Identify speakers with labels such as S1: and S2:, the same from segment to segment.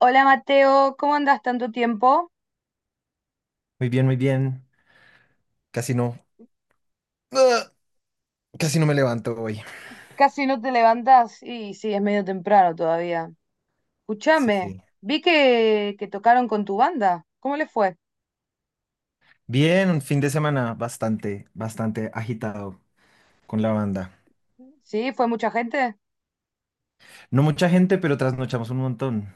S1: Hola Mateo, ¿cómo andas? Tanto tiempo.
S2: Muy bien, muy bien. Casi no. ¡Ugh! Casi no me levanto hoy.
S1: Casi no te levantas, y sí, es medio temprano todavía.
S2: Sí,
S1: Escúchame,
S2: sí.
S1: vi que tocaron con tu banda. ¿Cómo les fue?
S2: Bien, un fin de semana bastante, bastante agitado con la banda.
S1: ¿Sí? ¿Fue mucha gente?
S2: No mucha gente, pero trasnochamos un montón.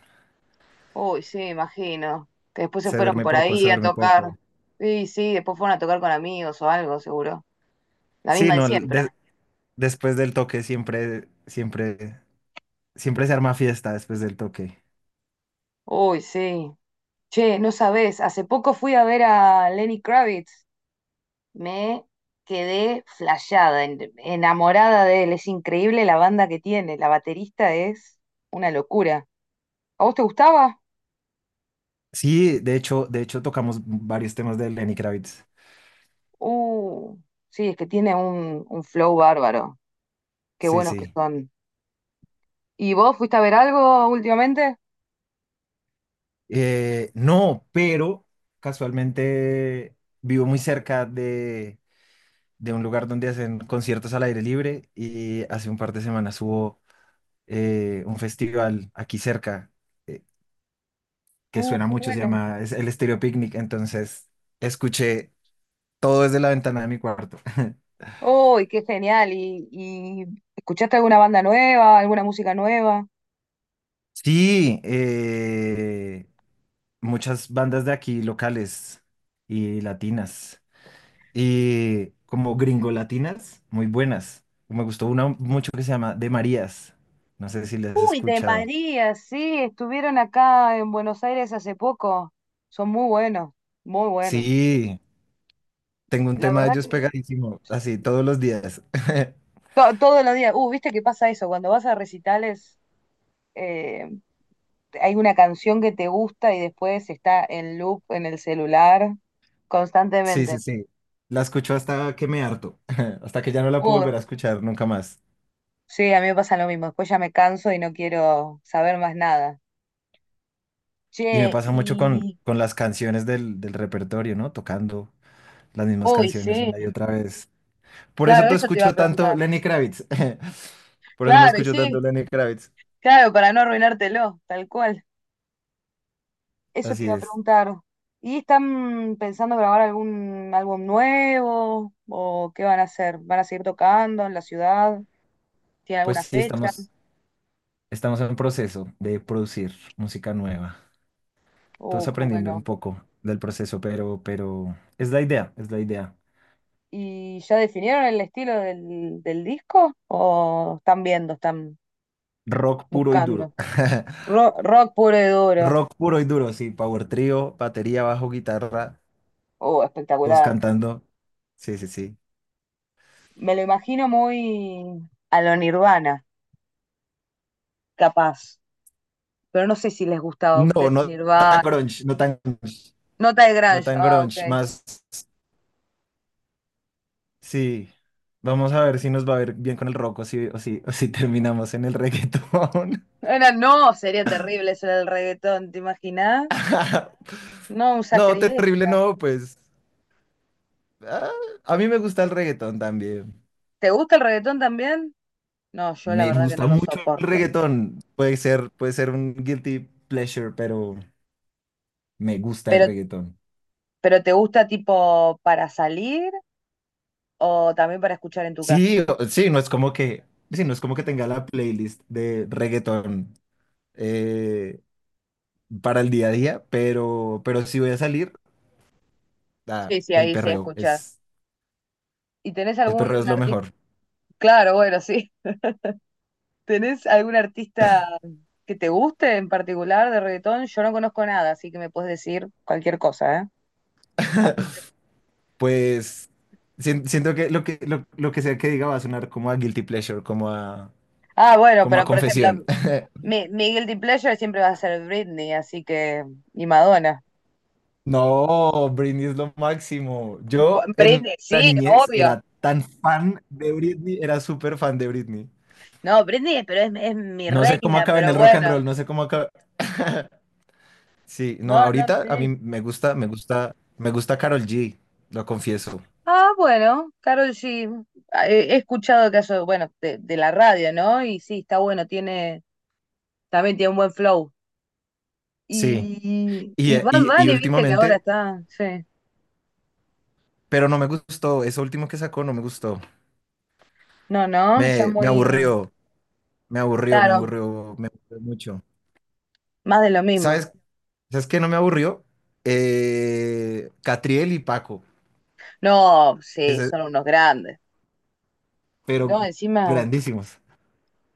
S1: Uy, sí, imagino. Que después se
S2: Se
S1: fueron
S2: duerme
S1: por
S2: poco, se
S1: ahí a
S2: duerme
S1: tocar.
S2: poco.
S1: Sí, sí, después fueron a tocar con amigos o algo, seguro. La
S2: Sí,
S1: misma de
S2: no,
S1: siempre.
S2: después del toque siempre, siempre, siempre se arma fiesta después del toque.
S1: Uy, sí. Che, no sabés, hace poco fui a ver a Lenny Kravitz. Me quedé flasheada, enamorada de él. Es increíble la banda que tiene. La baterista es una locura. ¿A vos te gustaba?
S2: Sí, de hecho tocamos varios temas de Lenny Kravitz.
S1: Uh, sí, es que tiene un flow bárbaro. Qué
S2: Sí,
S1: buenos que
S2: sí.
S1: son. ¿Y vos fuiste a ver algo últimamente?
S2: No, pero casualmente vivo muy cerca de un lugar donde hacen conciertos al aire libre, y hace un par de semanas hubo un festival aquí cerca eh, que suena
S1: Qué
S2: mucho, se
S1: bueno.
S2: llama, es el Estéreo Picnic, entonces escuché todo desde la ventana de mi cuarto.
S1: Uy, qué genial. Y escuchaste alguna banda nueva, alguna música nueva?
S2: Sí, muchas bandas de aquí locales y latinas, y como gringo latinas, muy buenas. Me gustó una mucho que se llama De Marías. No sé si las has
S1: Uy, de
S2: escuchado.
S1: María, sí, estuvieron acá en Buenos Aires hace poco. Son muy buenos, muy buenos.
S2: Sí, tengo un
S1: La
S2: tema de
S1: verdad
S2: ellos
S1: que
S2: pegadísimo, así todos los días.
S1: Todos los días. Viste que pasa eso, cuando vas a recitales, eh, hay una canción que te gusta y después está en loop en el celular
S2: Sí, sí,
S1: constantemente.
S2: sí. La escucho hasta que me harto, hasta que ya no la puedo
S1: Uh,
S2: volver a escuchar nunca más.
S1: sí, a mí me pasa lo mismo. Después ya me canso y no quiero saber más nada.
S2: Y me
S1: Che,
S2: pasa mucho
S1: y.
S2: con las canciones del repertorio, ¿no? Tocando las mismas
S1: Uy,
S2: canciones
S1: sí,
S2: una y otra vez. Por eso
S1: claro,
S2: no
S1: eso te iba a
S2: escucho tanto
S1: preguntar.
S2: Lenny Kravitz. Por eso no
S1: Claro, y
S2: escucho tanto
S1: sí,
S2: Lenny Kravitz.
S1: claro, para no arruinártelo, tal cual. Eso te
S2: Así
S1: iba a
S2: es.
S1: preguntar. ¿Y están pensando grabar algún álbum nuevo? ¿O qué van a hacer? ¿Van a seguir tocando en la ciudad? ¿Tiene
S2: Pues
S1: alguna
S2: sí,
S1: fecha?
S2: estamos en proceso de producir música nueva. Todos
S1: Oh, qué
S2: aprendiendo un
S1: bueno.
S2: poco del proceso, pero es la idea, es la idea.
S1: ¿Y ya definieron el estilo del disco? ¿O están viendo, están
S2: Rock puro y
S1: buscando?
S2: duro.
S1: Rock puro y duro.
S2: Rock puro y duro, sí. Power trío, batería, bajo, guitarra,
S1: Oh,
S2: todos
S1: espectacular.
S2: cantando. Sí, sí, sí.
S1: Me lo imagino muy a lo Nirvana, capaz. Pero no sé si les gustaba a
S2: No,
S1: ustedes
S2: no tan
S1: Nirvana.
S2: grunge, no tan grunge,
S1: Nota de
S2: no
S1: grunge.
S2: tan
S1: Ah, ok.
S2: grunge. Más, sí. Vamos a ver si nos va a ver bien con el rock, o si, o si, o si terminamos en el reggaetón.
S1: Era, no, sería terrible eso del reggaetón, ¿te imaginas? No, un
S2: No, terrible
S1: sacrilegio.
S2: no, pues. ah, a mí me gusta el reggaetón también.
S1: ¿Te gusta el reggaetón también? No, yo la
S2: Me
S1: verdad que no
S2: gusta
S1: lo
S2: mucho el
S1: soporto.
S2: reggaetón. Puede ser un guilty pleasure, pero me gusta el
S1: Pero,
S2: reggaetón.
S1: pero ¿te gusta tipo para salir o también para escuchar en tu casa?
S2: Sí, sí, no es como que, sí, no es como que tenga la playlist de reggaetón eh, para el día a día, pero si voy a salir, ah,
S1: Sí, sí, ahí sí escuchas. ¿Y tenés
S2: el perreo es
S1: algún
S2: lo
S1: artista?
S2: mejor.
S1: Claro, bueno, sí. ¿Tenés algún artista que te guste en particular de reggaetón? Yo no conozco nada, así que me puedes decir cualquier cosa, ¿eh?
S2: Pues siento que lo que sea que diga va a sonar como a guilty pleasure, como a,
S1: Ah, bueno,
S2: como a
S1: pero por ejemplo,
S2: confesión.
S1: mi guilty pleasure siempre va a ser Britney, así que. Y Madonna.
S2: No, Britney es lo máximo. Yo en
S1: Britney,
S2: la
S1: sí,
S2: niñez
S1: obvio.
S2: era tan fan de Britney, era súper fan de Britney.
S1: No, Britney, pero es mi
S2: No sé cómo
S1: reina,
S2: acaba en
S1: pero
S2: el rock and
S1: bueno.
S2: roll, no sé cómo acaba. Sí, no,
S1: No, no,
S2: ahorita a mí
S1: sí.
S2: me gusta, me gusta, me gusta Karol G, lo confieso.
S1: Ah, bueno, Karol G. Ah, he escuchado caso, bueno, de la radio, ¿no? Y sí, está bueno, tiene, también tiene un buen flow.
S2: Sí,
S1: Y Bad
S2: y
S1: Bunny, viste que ahora
S2: últimamente,
S1: está, sí.
S2: pero no me gustó, eso último que sacó no me gustó.
S1: No, no, ya
S2: Me
S1: muy,
S2: aburrió, me aburrió, me
S1: claro,
S2: aburrió, me aburrió mucho.
S1: más de lo mismo.
S2: ¿Sabes? ¿Sabes qué no me aburrió? Catriel y Paco,
S1: No, sí,
S2: ese-
S1: son unos grandes.
S2: pero
S1: No, encima.
S2: grandísimos.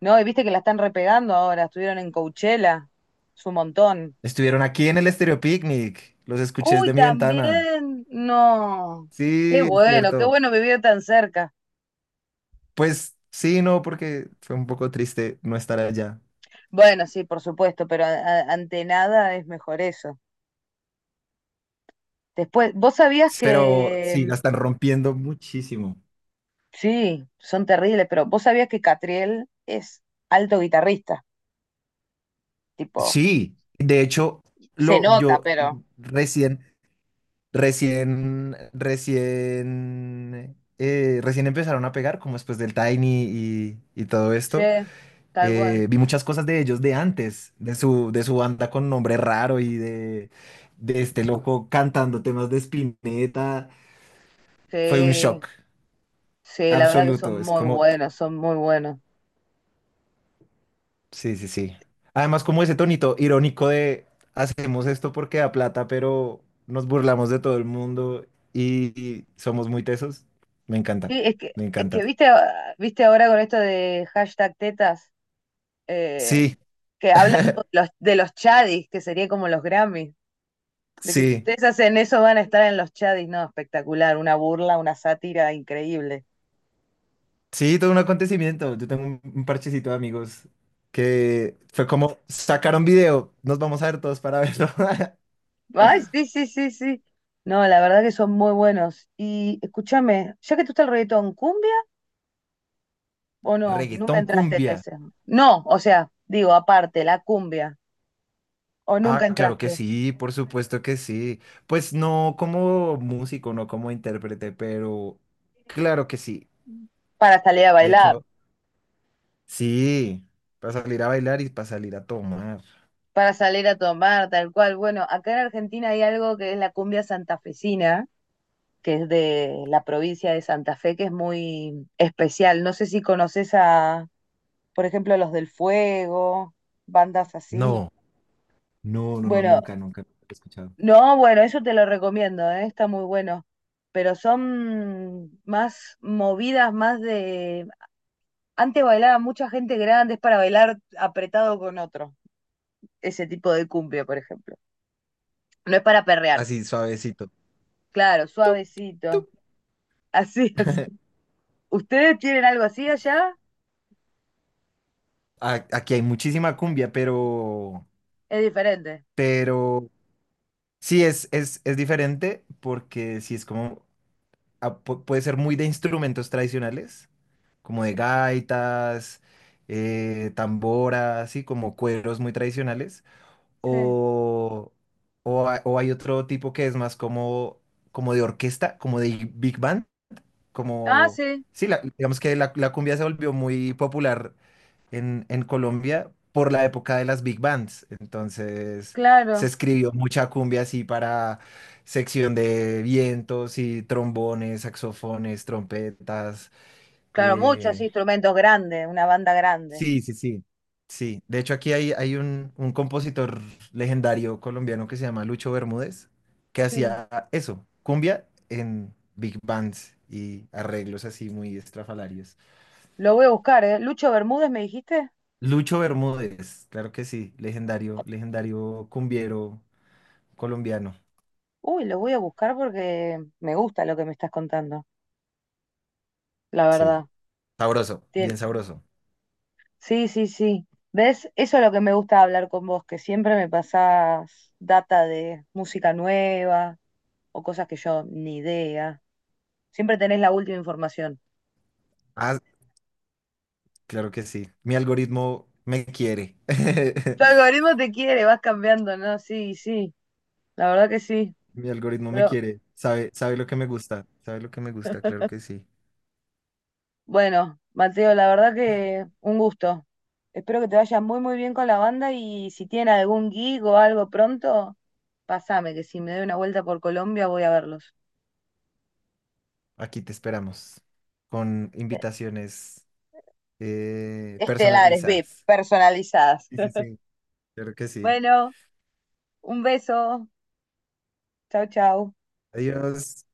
S1: No, y viste que la están repegando ahora, estuvieron en Coachella, es un montón.
S2: Estuvieron aquí en el Estéreo Picnic, los escuché
S1: Uy,
S2: desde mi ventana.
S1: también, no.
S2: Sí, es
S1: Qué
S2: cierto.
S1: bueno vivir tan cerca.
S2: Pues sí, no, porque fue un poco triste no estar allá.
S1: Bueno, sí, por supuesto, pero ante nada es mejor eso. Después, vos sabías
S2: Pero sí,
S1: que,
S2: la están rompiendo muchísimo.
S1: sí, son terribles, pero vos sabías que Catriel es alto guitarrista, tipo,
S2: Sí, de hecho,
S1: se
S2: lo,
S1: nota,
S2: yo
S1: pero...
S2: recién, recién, recién empezaron a pegar, como después del Tiny y todo
S1: Sí,
S2: esto.
S1: tal cual.
S2: Vi muchas cosas de ellos de antes, de su banda con nombre raro y de este loco cantando temas de Spinetta. Fue un
S1: Sí,
S2: shock
S1: sí, la verdad que son
S2: absoluto. Es
S1: muy
S2: como,
S1: buenos, son muy buenos.
S2: sí, sí, sí. Además, como ese tonito irónico de, hacemos esto porque da plata, pero nos burlamos de todo el mundo y, y somos muy tesos. Me encanta,
S1: Sí,
S2: me
S1: es que
S2: encanta.
S1: viste, ah, viste ahora con esto de hashtag tetas, eh,
S2: Sí,
S1: que habla tipo de los chadis, que sería como los Grammys, de que si
S2: sí,
S1: ustedes hacen eso van a estar en los chadis, no, espectacular, una burla, una sátira increíble.
S2: sí, todo un acontecimiento. Yo tengo un parchecito de amigos que fue como, sacaron video, nos vamos a ver todos para verlo.
S1: Ay, sí, sí, sí, sí. No, la verdad que son muy buenos. Y escúchame, ya que tú estás el reggaetón, ¿cumbia o no? Nunca
S2: Reggaetón
S1: entraste en
S2: cumbia.
S1: ese. No, o sea, digo, aparte, la cumbia, o
S2: Ah,
S1: nunca
S2: claro que
S1: entraste
S2: sí, por supuesto que sí. Pues no como músico, no como intérprete, pero claro que sí.
S1: para salir a
S2: De
S1: bailar.
S2: hecho, sí, para salir a bailar y para salir a tomar.
S1: Para salir a tomar, tal cual. Bueno, acá en Argentina hay algo que es la cumbia santafesina, que es de la provincia de Santa Fe, que es muy especial. No sé si conoces a, por ejemplo, Los del Fuego, bandas así.
S2: No, no, no, no,
S1: Bueno,
S2: nunca, nunca lo he escuchado.
S1: no, bueno, eso te lo recomiendo, ¿eh? Está muy bueno. Pero son más movidas, más de... Antes bailaba mucha gente grande, es para bailar apretado con otro. Ese tipo de cumbia, por ejemplo. No es para perrear.
S2: Así suavecito.
S1: Claro,
S2: Tup,
S1: suavecito.
S2: tup.
S1: Así, así. ¿Ustedes tienen algo así allá?
S2: Aquí hay muchísima cumbia,
S1: Es diferente.
S2: pero sí es diferente porque sí es como, ah, puede ser muy de instrumentos tradicionales, como de
S1: Sí,
S2: gaitas, tamboras, así como cueros muy tradicionales,
S1: sí.
S2: o, o hay otro tipo que es más como, como de orquesta, como de big band,
S1: Ah,
S2: como...
S1: sí,
S2: Sí, digamos que la cumbia se volvió muy popular en Colombia por la época de las big bands. Entonces se
S1: claro.
S2: escribió mucha cumbia así para sección de vientos y trombones, saxofones, trompetas.
S1: Claro, muchos
S2: eh,
S1: instrumentos grandes, una banda grande.
S2: Sí, sí, sí. Sí. De hecho, aquí hay, hay un compositor legendario colombiano que se llama Lucho Bermúdez, que
S1: Sí.
S2: hacía eso, cumbia en big bands y arreglos así muy estrafalarios.
S1: Lo voy a buscar, ¿eh? Lucho Bermúdez, ¿me dijiste?
S2: Lucho Bermúdez, claro que sí, legendario, legendario cumbiero colombiano.
S1: Uy, lo voy a buscar porque me gusta lo que me estás contando, la
S2: Sí.
S1: verdad.
S2: Sabroso,
S1: Tien-
S2: bien sabroso.
S1: Sí, sí, sí. ¿Ves? Eso es lo que me gusta hablar con vos, que siempre me pasás data de música nueva o cosas que yo ni idea. Siempre tenés la última información.
S2: Ah, claro que sí. Mi algoritmo me quiere.
S1: Tu algoritmo te quiere, vas cambiando, ¿no? Sí, sí, la verdad que sí.
S2: Mi algoritmo me
S1: Pero
S2: quiere. Sabe, sabe lo que me gusta. Sabe lo que me gusta, claro que sí.
S1: bueno, Mateo, la verdad que un gusto. Espero que te vaya muy, muy bien con la banda y si tienen algún gig o algo pronto, pasame, que si me doy una vuelta por Colombia voy a verlos.
S2: Aquí te esperamos con invitaciones
S1: Estelares, VIP,
S2: personalizadas.
S1: personalizadas.
S2: Sí, sí, sí. Claro que sí.
S1: Bueno, un beso. Chau, chau.
S2: Adiós.